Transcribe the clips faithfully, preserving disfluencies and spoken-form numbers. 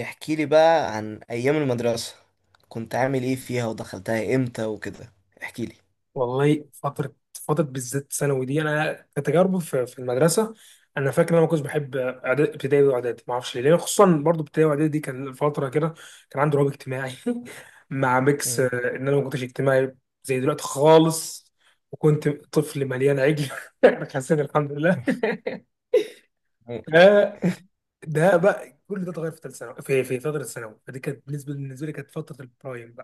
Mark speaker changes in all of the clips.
Speaker 1: احكي لي بقى عن ايام المدرسة. كنت عامل ايه فيها ودخلتها امتى وكده. احكي لي.
Speaker 2: والله فترة فترة بالذات ثانوي دي أنا كتجارب في في المدرسة. أنا فاكر إن أنا ما كنتش بحب إعداد- ابتدائي وإعدادي، ما أعرفش ليه، لأن خصوصا برضو ابتدائي وإعدادي دي كان فترة كده. كان عندي رهاب اجتماعي مع ميكس آه،
Speaker 1: مم.
Speaker 2: إن أنا ما كنتش اجتماعي زي دلوقتي خالص، وكنت طفل مليان عجل أنا حسيت الحمد لله
Speaker 1: مم.
Speaker 2: ده ده بقى كل ده اتغير في ثالث ثانوي، في في فترة ثانوي، فدي كانت بالنسبة بالنسبة لي كانت فترة البرايم.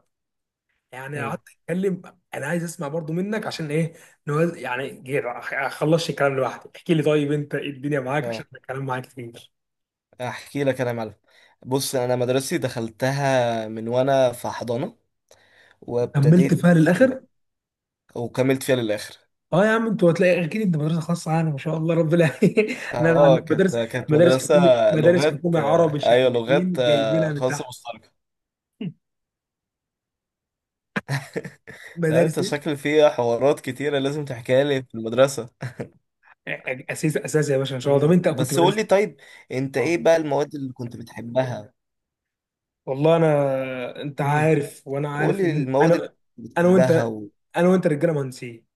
Speaker 2: يعني قعدت
Speaker 1: مم.
Speaker 2: اتكلم. انا عايز اسمع برضو منك، عشان ايه نوز... يعني جير اخلصش الكلام لوحدي. احكي لي طيب انت، إيه الدنيا معاك؟ عشان
Speaker 1: اه،
Speaker 2: الكلام معاك كتير.
Speaker 1: احكي لك انا يا معلم. بص، انا مدرستي دخلتها من وانا في حضانه،
Speaker 2: كملت
Speaker 1: وابتديت،
Speaker 2: فيها للاخر.
Speaker 1: وكملت فيها للاخر.
Speaker 2: اه يا عم انتوا، هتلاقي اكيد انت مدرسه خاصه، يعني ما شاء الله ربنا انا عن-
Speaker 1: اه، كانت
Speaker 2: مدارس،
Speaker 1: كانت
Speaker 2: مدارس
Speaker 1: مدرسه
Speaker 2: حكومي مدارس
Speaker 1: لغات،
Speaker 2: حكومي
Speaker 1: آه،
Speaker 2: عربي،
Speaker 1: ايوه لغات،
Speaker 2: شقيانين
Speaker 1: آه،
Speaker 2: جايبينها من
Speaker 1: خاصه
Speaker 2: تحت
Speaker 1: مشتركه. لا،
Speaker 2: مدارس
Speaker 1: انت
Speaker 2: ايه؟
Speaker 1: شكل فيها حوارات كتيره لازم تحكيها لي في المدرسه.
Speaker 2: اساس اساس يا باشا ان شاء الله. طب
Speaker 1: مم.
Speaker 2: انت كنت
Speaker 1: بس قول
Speaker 2: مدرسه؟
Speaker 1: لي طيب، انت
Speaker 2: اه
Speaker 1: ايه بقى المواد اللي كنت بتحبها؟
Speaker 2: والله انا، انت
Speaker 1: امم
Speaker 2: عارف وانا
Speaker 1: قول
Speaker 2: عارف
Speaker 1: لي
Speaker 2: ان انت...
Speaker 1: المواد اللي
Speaker 2: انا.
Speaker 1: أنت
Speaker 2: انا
Speaker 1: بتحبها
Speaker 2: وانت
Speaker 1: و...
Speaker 2: انا وانت رجاله مهندسين.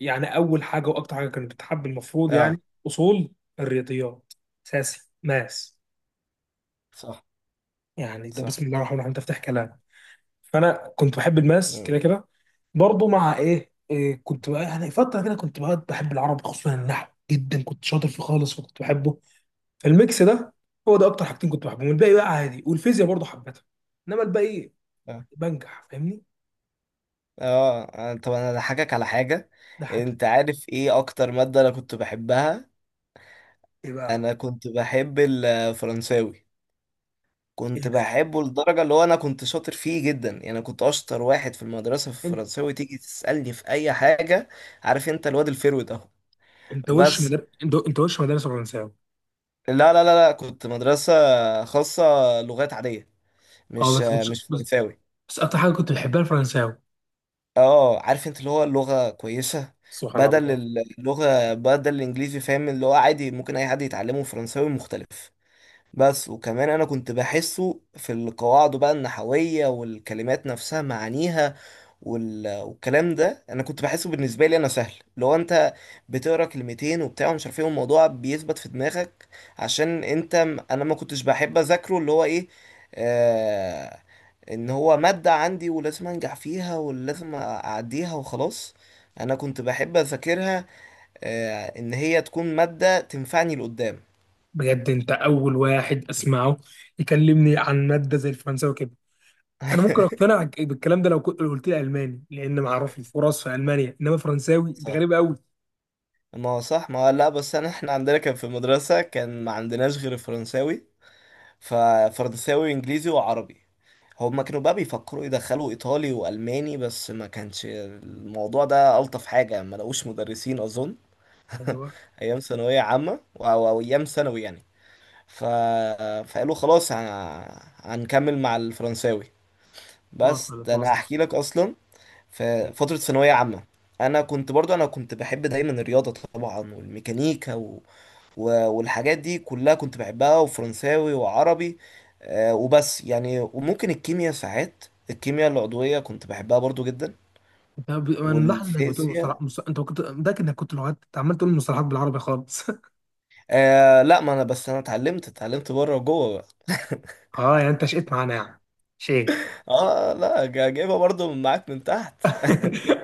Speaker 2: يعني اول حاجه واكتر حاجه كانت بتحب المفروض
Speaker 1: اه،
Speaker 2: يعني اصول، الرياضيات، اساسي ماس.
Speaker 1: صح،
Speaker 2: يعني ده بسم
Speaker 1: صح.
Speaker 2: الله الرحمن الرحيم، ده افتح كلام. فانا كنت بحب الماس
Speaker 1: مم.
Speaker 2: كده كده. برضه مع ايه, إيه كنت بقى يعني فتره كده كنت بقى بحب العربي، خصوصا النحو جدا كنت شاطر فيه خالص وكنت بحبه. فالميكس ده هو ده اكتر حاجتين كنت بحبهم. الباقي بقى عادي، والفيزياء برضه حبيتها، انما الباقي
Speaker 1: اه،
Speaker 2: بنجح فاهمني.
Speaker 1: اه. أنا- طب انا هضحكك على حاجة.
Speaker 2: ده حاجه.
Speaker 1: انت عارف ايه اكتر مادة انا كنت بحبها؟
Speaker 2: ايه بقى؟
Speaker 1: انا كنت بحب الفرنساوي. كنت
Speaker 2: ايه ده؟
Speaker 1: بحبه لدرجة اللي هو انا كنت شاطر فيه جدا، يعني انا كنت اشطر واحد في المدرسة في
Speaker 2: انت
Speaker 1: الفرنساوي. تيجي تسألني في اي حاجة. عارف انت الواد الفيرود اهو،
Speaker 2: انت وش
Speaker 1: بس.
Speaker 2: مدرسه انت أنت وش مدرسه فرنساوي؟
Speaker 1: لا، لا، لا، لا، كنت مدرسة خاصة، لغات عادية،
Speaker 2: اه
Speaker 1: مش
Speaker 2: بس كنت،
Speaker 1: مش
Speaker 2: بس
Speaker 1: فرنساوي.
Speaker 2: اكتر حاجه كنت بحبها الفرنساوي.
Speaker 1: اه، عارف انت اللي هو اللغة كويسة،
Speaker 2: سبحان
Speaker 1: بدل
Speaker 2: الله.
Speaker 1: اللغة، بدل الانجليزي، فاهم، اللي هو عادي ممكن اي حد يتعلمه، فرنساوي مختلف. بس، وكمان انا كنت بحسه في القواعد بقى النحوية والكلمات نفسها معانيها، وال... والكلام ده انا كنت بحسه بالنسبه لي انا سهل. لو انت بتقرا كلمتين وبتاع ومش عارف ايه، الموضوع بيثبت في دماغك. عشان انت م- انا ما كنتش بحب اذاكره اللي هو ايه، آه... ان هو ماده عندي ولازم انجح فيها ولازم اعديها وخلاص. انا كنت بحب اذاكرها، آه... ان هي تكون ماده تنفعني لقدام.
Speaker 2: بجد انت اول واحد اسمعه يكلمني عن ماده زي الفرنساوي كده. انا ممكن اقتنع بالكلام ده لو كنت، لو قلت لي الماني، لان معروف الفرص في المانيا، انما فرنساوي ده
Speaker 1: صح،
Speaker 2: غريب قوي.
Speaker 1: ما هو صح، ما هو لا، بس انا، احنا عندنا كان في المدرسة كان ما عندناش غير فرنساوي. ففرنساوي وانجليزي وعربي. هما كانوا بقى بيفكروا يدخلوا ايطالي والماني، بس ما كانش الموضوع ده. الطف حاجه، ما لقوش مدرسين اظن.
Speaker 2: ايوه،
Speaker 1: ايام ثانويه عامه، او أو ايام ثانوي يعني. ف... فقالوا خلاص، ه- هنكمل مع الفرنساوي. بس
Speaker 2: وصلت
Speaker 1: ده انا
Speaker 2: وصلت
Speaker 1: احكي لك اصلا، في فتره ثانويه عامه. انا كنت برضو انا كنت بحب دايما الرياضه طبعا، والميكانيكا، و- والحاجات دي كلها كنت بحبها، وفرنساوي وعربي. آه، وبس يعني، وممكن الكيمياء ساعات، الكيمياء العضوية كنت بحبها برضو جدا،
Speaker 2: انت ب... انا ملاحظ انك بتقول مصطلح
Speaker 1: والفيزياء.
Speaker 2: مص... انت كنت متاكد انك كنت لغات؟ انت عمال تقول مصطلحات بالعربي خالص
Speaker 1: آه لا، ما انا بس انا اتعلمت اتعلمت بره وجوه بقى.
Speaker 2: اه يعني انت شقيت معانا يعني شيء.
Speaker 1: اه، لا، جا- جايبها برضو من معاك من تحت.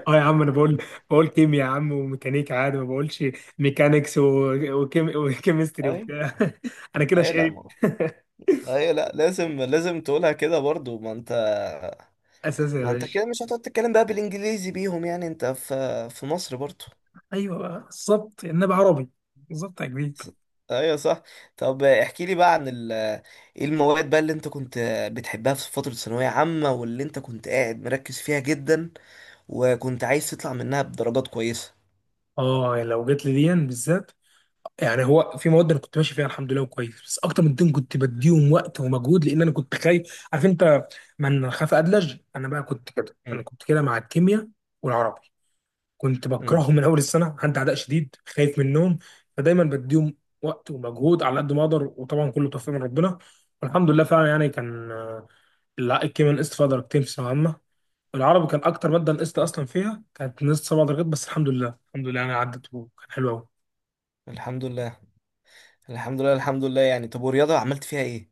Speaker 2: اه يا عم، انا بقول بقول كيمياء يا عم، وميكانيكا، عادي ما بقولش ميكانيكس، و- وكيم- وكيمستري
Speaker 1: اي،
Speaker 2: وبتاع انا كده
Speaker 1: اي، لا،
Speaker 2: شقيت
Speaker 1: ما اي، لا، لازم لازم تقولها كده برضو. ما انت
Speaker 2: اساسي يا
Speaker 1: ما انت
Speaker 2: باشا.
Speaker 1: كده مش هتقعد تتكلم بقى بالانجليزي بيهم، يعني انت في في مصر برضو.
Speaker 2: ايوه بقى بالظبط، انما عربي، بالظبط يا كبير.
Speaker 1: ص- ايوه صح. طب احكي لي بقى عن ال- ايه المواد بقى اللي انت كنت بتحبها في فترة ثانوية عامة، واللي انت كنت قاعد مركز فيها جدا، وكنت عايز تطلع منها بدرجات كويسة.
Speaker 2: اه يعني لو جت لي دي بالذات، يعني هو في مواد انا كنت ماشي فيها الحمد لله وكويس، بس اكتر من دين كنت بديهم وقت ومجهود، لان انا كنت خايف، عارف انت، من خاف ادلج. انا بقى كنت كده، انا
Speaker 1: مم.
Speaker 2: كنت كده مع الكيمياء والعربي، كنت
Speaker 1: مم.
Speaker 2: بكرههم من اول السنه، عندي عداء شديد، خايف منهم. فدايما بديهم وقت ومجهود على قد ما اقدر، وطبعا كله توفيق من ربنا والحمد لله فعلا. يعني كان آه، لا الكيمياء نقصت فيها درجتين في ثانويه عامه. العربي كان اكتر ماده نقصت اصلا فيها، كانت نقصت سبع درجات، بس الحمد لله الحمد لله يعني عدت وكان حلو قوي.
Speaker 1: الحمد لله، الحمد لله، الحمد لله يعني. طب، ورياضة عملت فيها ايه؟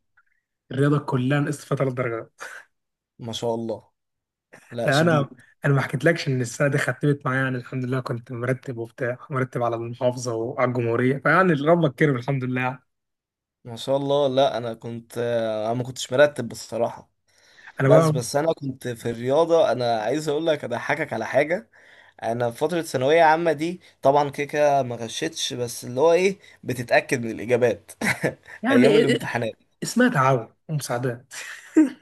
Speaker 2: الرياضه كلها نقصت فيها ثلاث درجات.
Speaker 1: ما شاء الله، لا
Speaker 2: لا انا،
Speaker 1: شديد.
Speaker 2: انا ما حكيتلكش ان السنه دي ختمت معايا يعني الحمد لله، كنت مرتب وبتاع، مرتب على المحافظه وعلى الجمهوريه، فيعني ربك كرم الحمد لله يعني.
Speaker 1: ما شاء الله. لا، انا كنت انا ما كنتش مرتب بصراحة.
Speaker 2: انا
Speaker 1: بس
Speaker 2: بقى
Speaker 1: بس، انا كنت في الرياضة، انا عايز اقول لك اضحكك على حاجة. انا في فتره ثانويه عامه دي طبعا، كده كده ما غشيتش، بس اللي هو ايه، بتتاكد من الاجابات.
Speaker 2: يعني
Speaker 1: ايام
Speaker 2: إيه- إيه،
Speaker 1: الامتحانات.
Speaker 2: اسمها تعاون ومساعدات.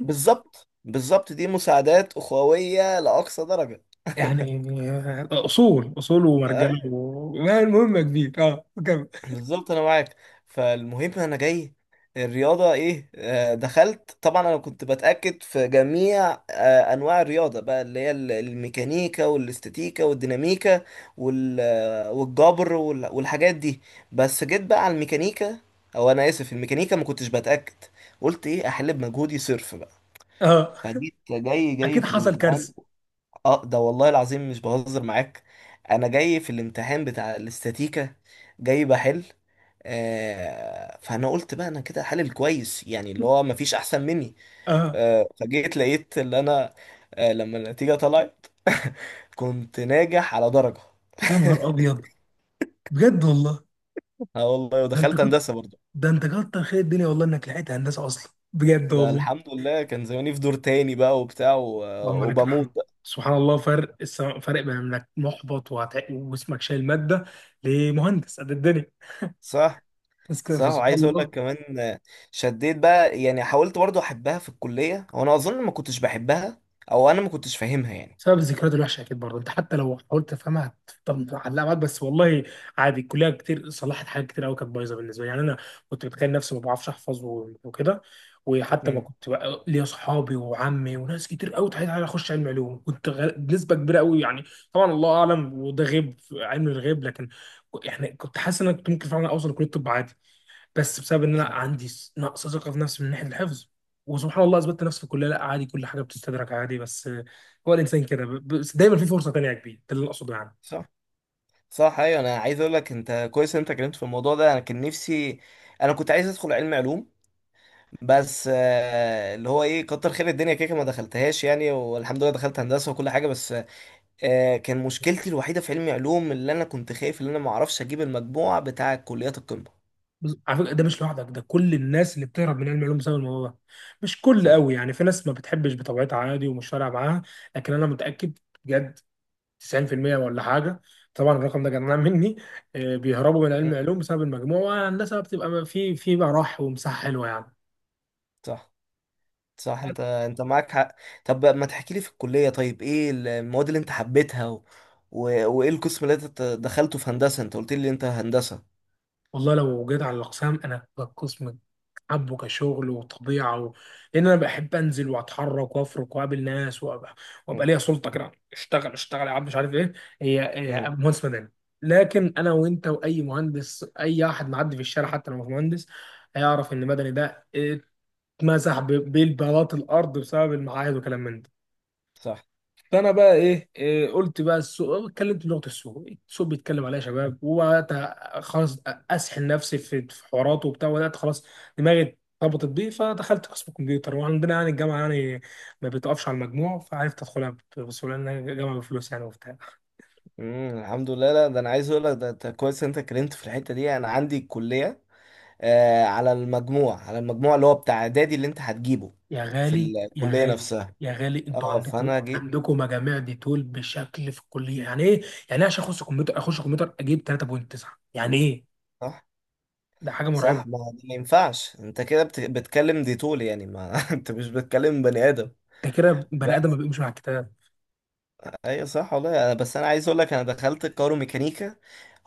Speaker 1: بالظبط، بالظبط، دي مساعدات اخويه لاقصى درجه.
Speaker 2: يعني آه، اصول اصول ومرجله و... ما المهم يا كبير، اه كمل.
Speaker 1: بالظبط انا معاك. فالمهم، انا جاي. الرياضه ايه، آه، دخلت طبعا، انا كنت بتاكد في جميع آه، انواع الرياضه بقى، اللي هي ال- الميكانيكا والاستاتيكا والديناميكا، وال- آه، والجبر وال- والحاجات دي. بس جيت بقى على الميكانيكا، او انا اسف، الميكانيكا ما كنتش بتاكد، قلت ايه، احل بمجهودي صرف بقى.
Speaker 2: اه
Speaker 1: فجيت، جاي جاي
Speaker 2: اكيد
Speaker 1: في
Speaker 2: حصل
Speaker 1: الامتحان.
Speaker 2: كارثه.
Speaker 1: اه، ده والله العظيم مش بهزر معاك. انا جاي في الامتحان بتاع الاستاتيكا، جاي بحل. آه فانا قلت بقى انا كده حلل كويس، يعني اللي هو مفيش احسن مني.
Speaker 2: اه
Speaker 1: آه فجيت لقيت اللي انا، آه لما النتيجة طلعت كنت ناجح على درجة.
Speaker 2: يا نهار ابيض، بجد والله.
Speaker 1: اه والله،
Speaker 2: ده انت
Speaker 1: ودخلت
Speaker 2: كنت
Speaker 1: هندسة برضه.
Speaker 2: ده انت كتر خير الدنيا والله انك لحقت هندسه اصلا، بجد
Speaker 1: ده
Speaker 2: والله.
Speaker 1: الحمد لله، كان زماني في دور تاني بقى وبتاع و-
Speaker 2: اللهم لك
Speaker 1: وبموت
Speaker 2: الحمد.
Speaker 1: بقى.
Speaker 2: سبحان الله فرق السما- فرق بين انك محبط وهت... واسمك شايل ماده، لمهندس قد الدنيا.
Speaker 1: صح،
Speaker 2: بس كده،
Speaker 1: صح.
Speaker 2: فسبحان
Speaker 1: وعايز اقول لك
Speaker 2: الله.
Speaker 1: كمان، آه، شديت بقى يعني، حاولت برضو احبها في الكليه وانا اظن ما كنتش بحبها، او انا ما كنتش فاهمها يعني.
Speaker 2: بسبب الذكريات الوحشه اكيد برضه، انت حتى لو حاولت تفهمها هتفضل معلقه معاك، بس والله عادي الكليه كتير صلحت حاجات كتير قوي كانت بايظه بالنسبه لي. يعني انا كنت بتخيل نفسي ما بعرفش احفظ و- وكده، وحتى ما
Speaker 1: امم
Speaker 2: كنت بقى ليا صحابي وعمي وناس كتير قوي تحيل على اخش علم علوم، كنت غ- بنسبه كبيره قوي يعني. طبعا الله اعلم، وده غيب علم الغيب، لكن ك- يعني كنت حاسس ان انا كنت ممكن فعلا اوصل لكليه الطب عادي، بس بسبب ان انا
Speaker 1: صح،
Speaker 2: عندي س- نقص ثقه في نفسي من ناحيه الحفظ. وسبحان الله اثبتت نفسي في الكليه، لا عادي كل حاجه بتستدرك عادي، بس آه، هو الانسان كده ب- بس دايما في فرصه تانيه يا كبير، ده اللي أنا اقصده يعني.
Speaker 1: صح، صح، ايوه. انا عايز اقول لك انت كويس إن انت اتكلمت في الموضوع ده. انا كان نفسي، انا كنت عايز ادخل علم علوم. بس آه، اللي هو ايه، كتر خير الدنيا، كده كده ما دخلتهاش يعني، والحمد لله دخلت هندسه وكل حاجه. بس، آه، كان مشكلتي الوحيده في علمي علوم، اللي انا كنت خايف ان انا ما اعرفش اجيب المجموع بتاع كليات القمه.
Speaker 2: بس على فكره ده مش لوحدك، ده كل الناس اللي بتهرب من علم العلوم بسبب الموضوع ده، مش كل
Speaker 1: صح.
Speaker 2: قوي يعني، في ناس ما بتحبش بطبيعتها عادي ومش فارقه معاها. لكن انا متاكد بجد تسعين في المية ولا حاجه، طبعا الرقم ده جنان مني، آه، بيهربوا من علم
Speaker 1: مم.
Speaker 2: العلوم بسبب المجموع، والهندسه بتبقى في في بقى راح ومساحه حلوه يعني.
Speaker 1: صح، صح، انت انت معاك حق. طب ما تحكي لي في الكلية طيب، ايه المواد اللي انت حبيتها و... و... وايه القسم اللي انت دخلته في هندسة؟ انت قلت لي انت هندسة.
Speaker 2: والله لو جيت على الاقسام، انا القسم حبه كشغل وطبيعه و... لان انا بحب انزل واتحرك وافرك واقابل ناس وابقى، وابقى
Speaker 1: مم.
Speaker 2: ليا سلطه كده، اشتغل اشتغل يا عم مش عارف ايه. هي هي
Speaker 1: مم.
Speaker 2: مهندس مدني. لكن انا وانت واي مهندس، اي احد معدي في الشارع حتى لو مش مهندس، هيعرف ان مدني ده اتمسح ب- بالبلاط الارض بسبب المعاهد وكلام من ده.
Speaker 1: صح.
Speaker 2: فانا بقى ايه, إيه قلت بقى السوق، اتكلمت بلغه السوق، السوق بيتكلم عليها يا شباب، وبدات خلاص اسحل نفسي في في حواراته وبتاع، وبدات خلاص دماغي ارتبطت بيه، فدخلت قسم الكمبيوتر. وعندنا يعني الجامعه يعني ما بتقفش على المجموع، فعرفت ادخلها بسهوله لان الجامعه بفلوس يعني وبتاع.
Speaker 1: مم. الحمد لله. لا ده، انا عايز اقول لك، ده انت كويس إن انت اتكلمت في الحتة دي. انا عندي الكلية، آه على المجموع على المجموع اللي هو بتاع اعدادي اللي انت هتجيبه
Speaker 2: يا
Speaker 1: في
Speaker 2: غالي يا
Speaker 1: الكلية
Speaker 2: غالي
Speaker 1: نفسها.
Speaker 2: يا غالي انتوا
Speaker 1: اه،
Speaker 2: عندكم
Speaker 1: فانا جيت.
Speaker 2: عندكم مجاميع دي طول بشكل في الكليه؟ يعني ايه؟ يعني ايه عشان اخش كمبيوتر، اخش كمبيوتر اجيب ثلاثة فاصلة تسعة؟ يعني ايه؟
Speaker 1: صح،
Speaker 2: ده حاجه مرعبه.
Speaker 1: صح. ما هو ده ما ينفعش. انت كده بت... بتكلم ديتول، يعني ما انت مش بتكلم بني ادم.
Speaker 2: انت كده بني ادم ما
Speaker 1: بس.
Speaker 2: بيقومش مع الكتاب.
Speaker 1: ايوه صح والله. أنا- بس انا عايز اقول لك انا دخلت الكايرو ميكانيكا.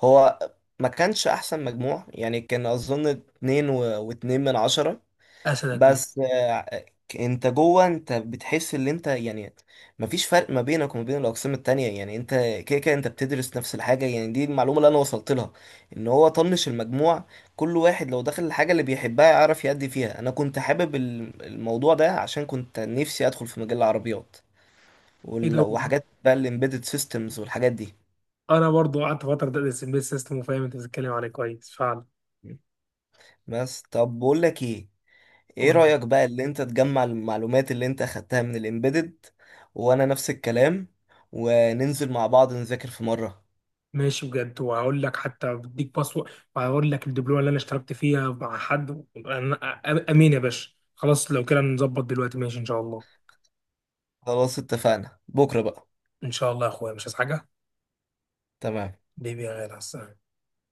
Speaker 1: هو ما كانش احسن مجموع يعني، كان اظن اتنين و... واتنين من عشرة.
Speaker 2: اسدك.
Speaker 1: بس آه، انت جوه، انت بتحس ان انت يعني مفيش فرق ما بينك وما بين الاقسام التانية، يعني انت كده كده انت بتدرس نفس الحاجة، يعني دي المعلومة اللي انا وصلت لها. ان هو طنش المجموع، كل واحد لو دخل الحاجة اللي بيحبها يعرف يأدي فيها. انا كنت حابب ال- الموضوع ده عشان كنت نفسي ادخل في مجال العربيات
Speaker 2: ايه
Speaker 1: وال-
Speaker 2: ده،
Speaker 1: وحاجات بقى الامبيدد سيستمز والحاجات دي.
Speaker 2: انا برضو قعدت فتره ادرس امبيد سيستم، وفاهم انت بتتكلم عليه كويس فعلا.
Speaker 1: بس طب بقول لك ايه، ايه
Speaker 2: قول لي.
Speaker 1: رأيك بقى اللي انت تجمع المعلومات اللي انت اخدتها من الامبيدد، وانا نفس الكلام، وننزل مع بعض نذاكر في مرة.
Speaker 2: ماشي بجد، وهقول لك حتى بديك باسورد، وهقول لك الدبلومه اللي انا اشتركت فيها مع حد. أنا- أ- امين يا باشا خلاص، لو كده نظبط دلوقتي ماشي ان شاء الله.
Speaker 1: خلاص، اتفقنا بكرة بقى.
Speaker 2: ان شاء الله يا اخويا، مش عايز حاجه.
Speaker 1: تمام.
Speaker 2: بيبي يا غالي، على السلامة.